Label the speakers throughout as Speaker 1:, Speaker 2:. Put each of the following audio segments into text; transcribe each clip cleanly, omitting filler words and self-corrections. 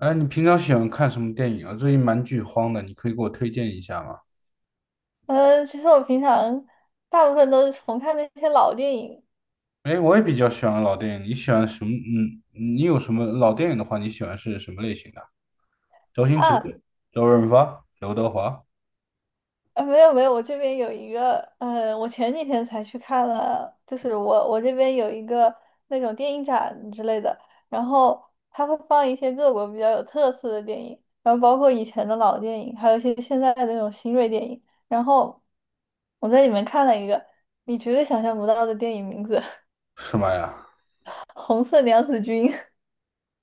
Speaker 1: 哎，你平常喜欢看什么电影啊？最近蛮剧荒的，你可以给我推荐一下吗？
Speaker 2: 嗯，其实我平常大部分都是重看那些老电影
Speaker 1: 哎，我也比较喜欢老电影。你喜欢什么？嗯，你有什么老电影的话，你喜欢是什么类型的？周星驰、
Speaker 2: 啊。
Speaker 1: 周润发、刘德华，
Speaker 2: 没有没有，我这边有一个，我前几天才去看了，就是我这边有一个那种电影展之类的，然后它会放一些各国比较有特色的电影，然后包括以前的老电影，还有一些现在的那种新锐电影，然后我在里面看了一个你绝对想象不到的电影名字，
Speaker 1: 什么呀？
Speaker 2: 《红色娘子军》。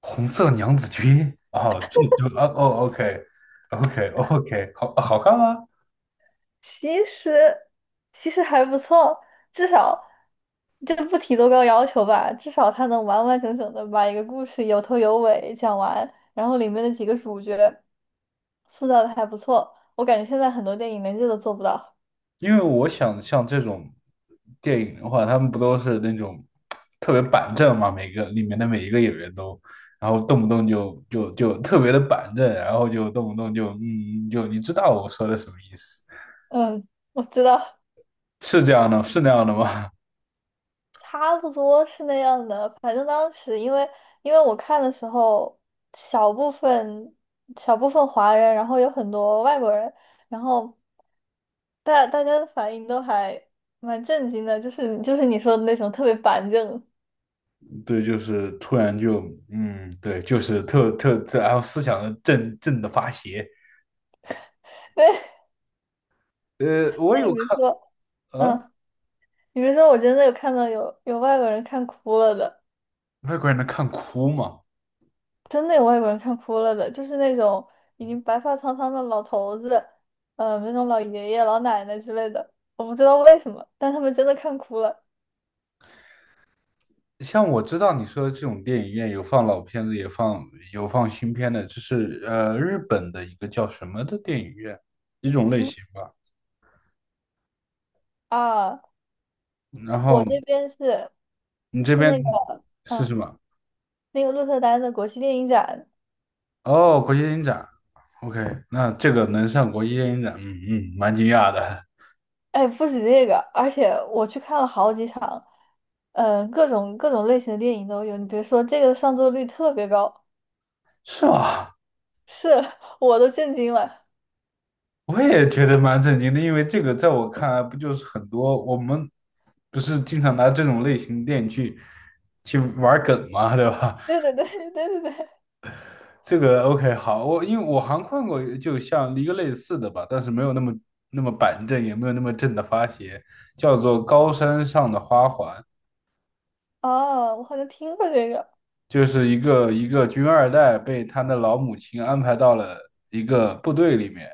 Speaker 1: 红色娘子军？哦，这就啊哦，OK，OK，OK，好好看吗？
Speaker 2: 其实其实还不错，至少这不提多高要求吧，至少他能完完整整的把一个故事有头有尾讲完，然后里面的几个主角塑造的还不错，我感觉现在很多电影连这都做不到。
Speaker 1: 因为我想像这种电影的话，他们不都是那种特别板正嘛？每个里面的每一个演员都，然后动不动就特别的板正，然后就动不动就就你知道我说的什么意思？
Speaker 2: 嗯，我知道。
Speaker 1: 是这样的，是那样的吗？
Speaker 2: 差不多是那样的。反正当时因为我看的时候，小部分小部分华人，然后有很多外国人，然后大家的反应都还蛮震惊的，就是你说的那种特别板正。
Speaker 1: 对，就是突然就对，就是特，然后思想的正正的发邪。
Speaker 2: 对，
Speaker 1: 我
Speaker 2: 那
Speaker 1: 有
Speaker 2: 你别
Speaker 1: 看，
Speaker 2: 说，
Speaker 1: 呃，
Speaker 2: 嗯，你别说，我真的有看到有外国人看哭了的。
Speaker 1: 外国人能看哭吗？
Speaker 2: 真的有外国人看哭了的，就是那种已经白发苍苍的老头子，那种老爷爷、老奶奶之类的，我不知道为什么，但他们真的看哭了。
Speaker 1: 像我知道你说的这种电影院有放老片子，也放有放新片的，就是日本的一个叫什么的电影院，一种类
Speaker 2: 嗯。
Speaker 1: 型吧。
Speaker 2: 啊，
Speaker 1: 然后
Speaker 2: 我这边
Speaker 1: 你这
Speaker 2: 是
Speaker 1: 边
Speaker 2: 那个，
Speaker 1: 是什
Speaker 2: 嗯，
Speaker 1: 么？
Speaker 2: 那个鹿特丹的国际电影展。
Speaker 1: 哦，国际电影展。OK，那这个能上国际电影展，嗯嗯，蛮惊讶的，
Speaker 2: 哎，不止这个，而且我去看了好几场，各种类型的电影都有。你别说，这个上座率特别高，
Speaker 1: 是吧？
Speaker 2: 是 我都震惊了。
Speaker 1: 我也觉得蛮震惊的，因为这个在我看来，不就是很多我们不是经常拿这种类型的电影去去玩梗嘛，对吧？
Speaker 2: 对对对对对对。
Speaker 1: 这个 OK 好，我因为我好像看过，就像一个类似的吧，但是没有那么那么板正，也没有那么正的发邪，叫做《高山上的花环》，
Speaker 2: 哦，我好像听过这个。
Speaker 1: 就是一个军二代被他的老母亲安排到了一个部队里面，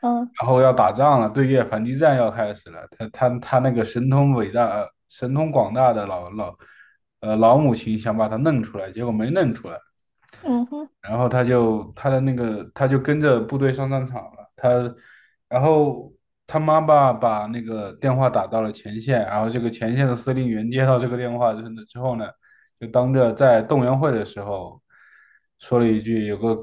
Speaker 2: 嗯。
Speaker 1: 然后要打仗了，对越反击战要开始了。他那个神通伟大、神通广大的老母亲想把他弄出来，结果没弄出来。
Speaker 2: 嗯哼。
Speaker 1: 然后他就他的那个他就跟着部队上战场了。他，然后他妈妈把那个电话打到了前线，然后这个前线的司令员接到这个电话之后呢就当着在动员会的时候说了一句：“有个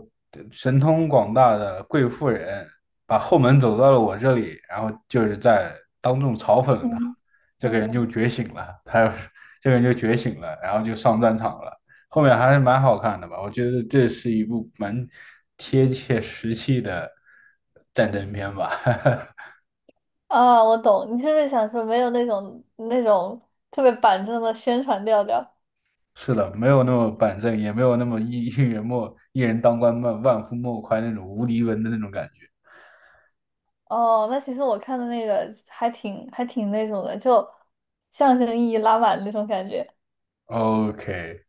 Speaker 1: 神通广大的贵妇人把后门走到了我这里。”然后就是在当众嘲讽了他。
Speaker 2: 嗯。
Speaker 1: 这个人
Speaker 2: 嗯
Speaker 1: 就觉醒了，他 这个人就觉醒了，然后就上战场了。后面还是蛮好看的吧？我觉得这是一部蛮贴切实际的战争片吧。
Speaker 2: 啊，我懂，你是不是想说没有那种特别板正的宣传调调？
Speaker 1: 是的，没有那么板正，也没有那么一人莫一人当官万万夫莫开那种无敌文的那种感觉。
Speaker 2: 哦，那其实我看的那个还挺那种的，就象征意义拉满那种感觉。
Speaker 1: OK，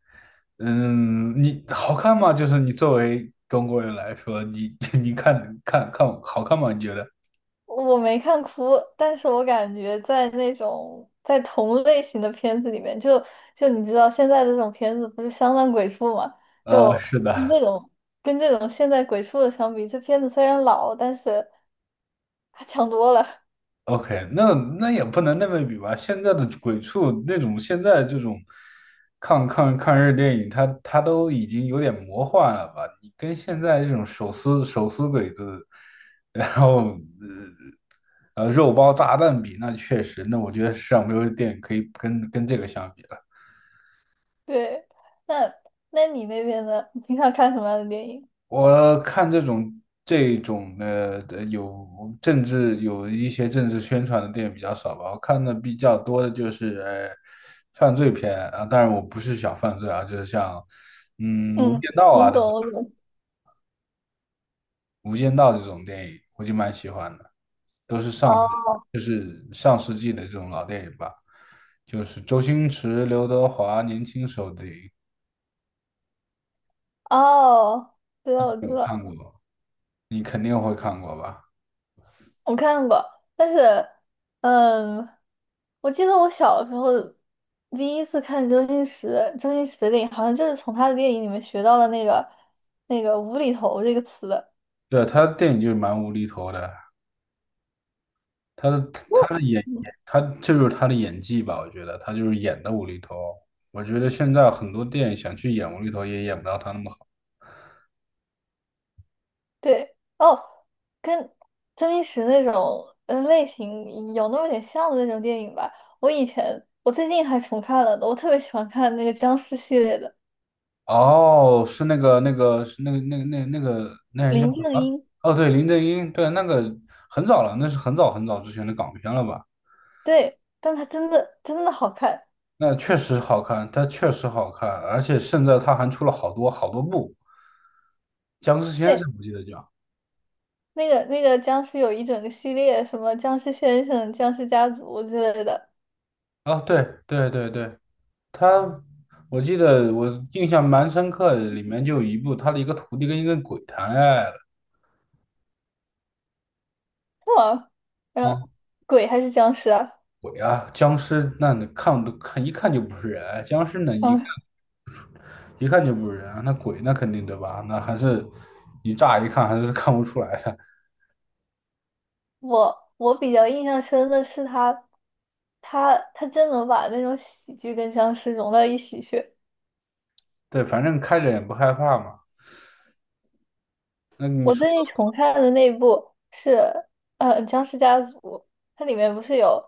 Speaker 1: 嗯，你好看吗？就是你作为中国人来说，你 你看好看吗？你觉得？
Speaker 2: 我没看哭，但是我感觉在那种在同类型的片子里面，就就你知道现在的这种片子不是相当鬼畜嘛？
Speaker 1: 呃，
Speaker 2: 就
Speaker 1: 是
Speaker 2: 跟
Speaker 1: 的。
Speaker 2: 这种跟这种现在鬼畜的相比，这片子虽然老，但是还强多了。
Speaker 1: OK，那那也不能那么比吧。现在的鬼畜那种，现在这种抗日电影，它都已经有点魔幻了吧？你跟现在这种手撕鬼子，然后肉包炸弹比，那确实，那我觉得世上没有电影可以跟跟这个相比了。
Speaker 2: 对，那那你那边呢？你平常看什么样的电影？
Speaker 1: 我看这种的有政治有一些政治宣传的电影比较少吧，我看的比较多的就是犯罪片啊，当然我不是小犯罪啊，就是像《无间
Speaker 2: 嗯，
Speaker 1: 道》
Speaker 2: 我
Speaker 1: 啊，对吧？
Speaker 2: 懂，我懂。
Speaker 1: 《无间道》这种电影我就蛮喜欢的，都是上
Speaker 2: 哦。
Speaker 1: 就是上世纪的这种老电影吧，就是周星驰、刘德华年轻时候的电影，
Speaker 2: 哦，知道，我知
Speaker 1: 有看
Speaker 2: 道，
Speaker 1: 过，你肯定会看过吧？
Speaker 2: 我看过，但是，嗯，我记得我小时候第一次看周星驰，周星驰的电影，好像就是从他的电影里面学到了那个无厘头这个词的。
Speaker 1: 对，他的电影就是蛮无厘头的，他的他的演
Speaker 2: 嗯。
Speaker 1: 他这就是他的演技吧，我觉得他就是演的无厘头。我觉得现在很多电影想去演无厘头也演不到他那么好。
Speaker 2: 对哦，跟周星驰那种类型有那么点像的那种电影吧。我以前我最近还重看了的，我特别喜欢看那个僵尸系列的
Speaker 1: 哦，是那个那个是那个那人叫什
Speaker 2: 《林正
Speaker 1: 么？
Speaker 2: 英》。
Speaker 1: 哦，对，林正英，对，那个很早了，那是很早很早之前的港片了吧？
Speaker 2: 对，但他真的真的好看。
Speaker 1: 那确实好看，他确实好看，而且现在他还出了好多好多部，《僵尸先生》
Speaker 2: 对，
Speaker 1: 我记得叫。
Speaker 2: 那个僵尸有一整个系列，什么僵尸先生、僵尸家族之类的。
Speaker 1: 哦，对，他，我记得我印象蛮深刻的，里面就有一部他的一个徒弟跟一个鬼谈恋爱了。
Speaker 2: 哇，后
Speaker 1: 啊、
Speaker 2: 鬼还是僵尸啊？
Speaker 1: 鬼啊，僵尸那你看都看一看就不是人，僵尸那一
Speaker 2: 嗯。
Speaker 1: 一看就不是人，那鬼那肯定对吧？那还是你乍一看还是看不出来的。
Speaker 2: 我我比较印象深的是他，他真能把那种喜剧跟僵尸融到一起去。
Speaker 1: 对，反正开着也不害怕嘛。那你
Speaker 2: 我
Speaker 1: 说
Speaker 2: 最近重看的那部是《僵尸家族》，它里面不是有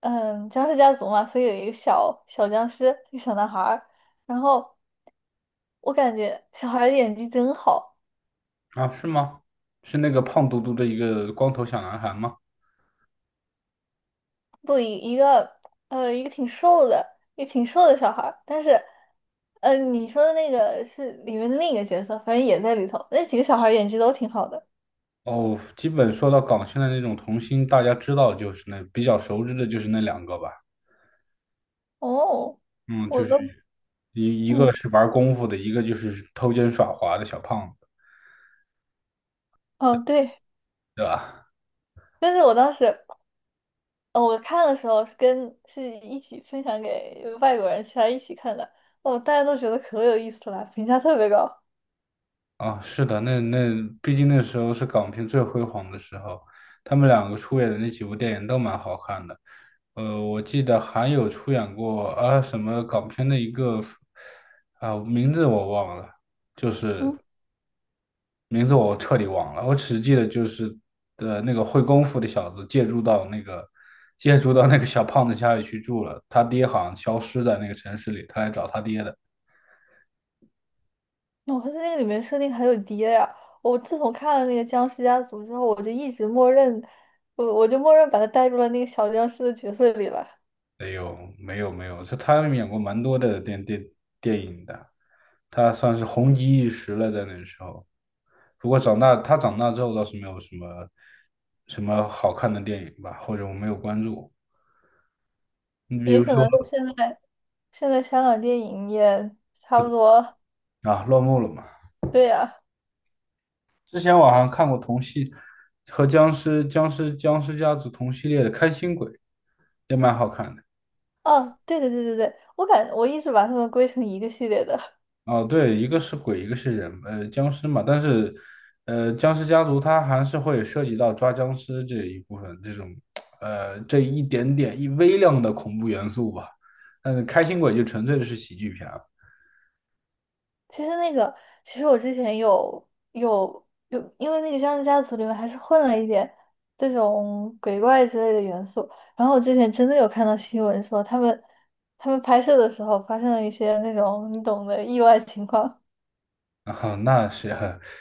Speaker 2: 僵尸家族嘛，所以有一个小小僵尸，一个小男孩儿，然后我感觉小孩儿的演技真好。
Speaker 1: 的啊，是吗？是那个胖嘟嘟的一个光头小男孩吗？
Speaker 2: 不一个一个挺瘦的，也挺瘦的小孩儿，但是你说的那个是里面的另一个角色，反正也在里头。那几个小孩儿演技都挺好的。
Speaker 1: 哦，基本说到港星的那种童星，大家知道就是那比较熟知的就是那两个吧。
Speaker 2: 哦，
Speaker 1: 嗯，就
Speaker 2: 我
Speaker 1: 是
Speaker 2: 都
Speaker 1: 一个
Speaker 2: 嗯
Speaker 1: 是玩功夫的，一个就是偷奸耍滑的小胖子，
Speaker 2: 哦对。
Speaker 1: 对吧？
Speaker 2: 但是我当时我看的时候是跟是一起分享给外国人，其他一起看的，哦大家都觉得可有意思了，评价特别高。
Speaker 1: 啊，是的，那那毕竟那时候是港片最辉煌的时候，他们两个出演的那几部电影都蛮好看的。呃，我记得还有出演过啊什么港片的一个啊名字我忘了，就是
Speaker 2: 嗯。
Speaker 1: 名字我彻底忘了，我只记得就是的那个会功夫的小子借住到那个小胖子家里去住了，他爹好像消失在那个城市里，他来找他爹的。
Speaker 2: 我发现那个里面设定很有爹呀、我自从看了那个《僵尸家族》之后，我就一直默认，我就默认把他带入了那个小僵尸的角色里了。
Speaker 1: 哎呦，没有，这他演过蛮多的电影的，他算是红极一时了，在那时候。不过长大他长大之后倒是没有什么什么好看的电影吧，或者我没有关注。你比
Speaker 2: 也
Speaker 1: 如
Speaker 2: 可
Speaker 1: 说
Speaker 2: 能现在香港电影也差不多。
Speaker 1: 啊，落幕了嘛。
Speaker 2: 对呀、
Speaker 1: 之前我好像看过同系和僵尸家族同系列的《开心鬼》，也蛮好看的。
Speaker 2: 哦，对对对对对，我一直把他们归成一个系列的。
Speaker 1: 哦，对，一个是鬼，一个是人，呃，僵尸嘛。但是，呃，僵尸家族它还是会涉及到抓僵尸这一部分，这种，呃，这一点点一微量的恐怖元素吧。但是《开心鬼》就纯粹的是喜剧片了。
Speaker 2: 其实那个，其实我之前有，因为那个《僵尸家族》里面还是混了一点这种鬼怪之类的元素。然后我之前真的有看到新闻说，他们拍摄的时候发生了一些那种你懂的意外情况。
Speaker 1: 啊，那是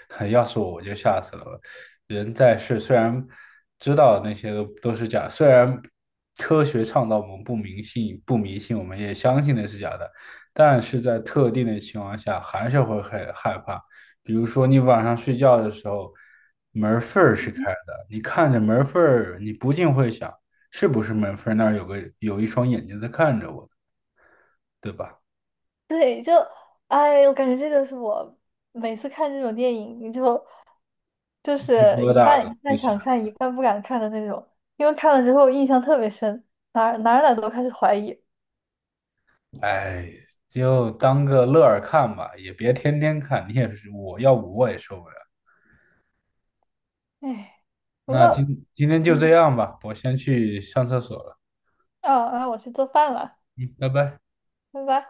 Speaker 1: 很，要是我就吓死了。人在世，虽然知道那些都是假，虽然科学倡导我们不迷信，不迷信，我们也相信那是假的，但是在特定的情况下，还是会很害怕。比如说，你晚上睡觉的时候，门缝儿是开的，你看着门缝儿，你不禁会想，是不是门缝儿那儿有个有一双眼睛在看着我，对吧？
Speaker 2: 对，就哎，我感觉这就是我每次看这种电影，你就就
Speaker 1: 鸡皮
Speaker 2: 是
Speaker 1: 疙瘩
Speaker 2: 一
Speaker 1: 的。
Speaker 2: 半想看，一半不敢看的那种，因为看了之后印象特别深，哪儿都开始怀疑。
Speaker 1: 哎，就当个乐儿看吧，也别天天看。你也是，我要不我也受不了。
Speaker 2: 哎，不过。
Speaker 1: 那今天就
Speaker 2: 嗯。
Speaker 1: 这样吧，我先去上厕所了。
Speaker 2: 哦，那我去做饭了，
Speaker 1: 嗯，拜拜。
Speaker 2: 拜拜。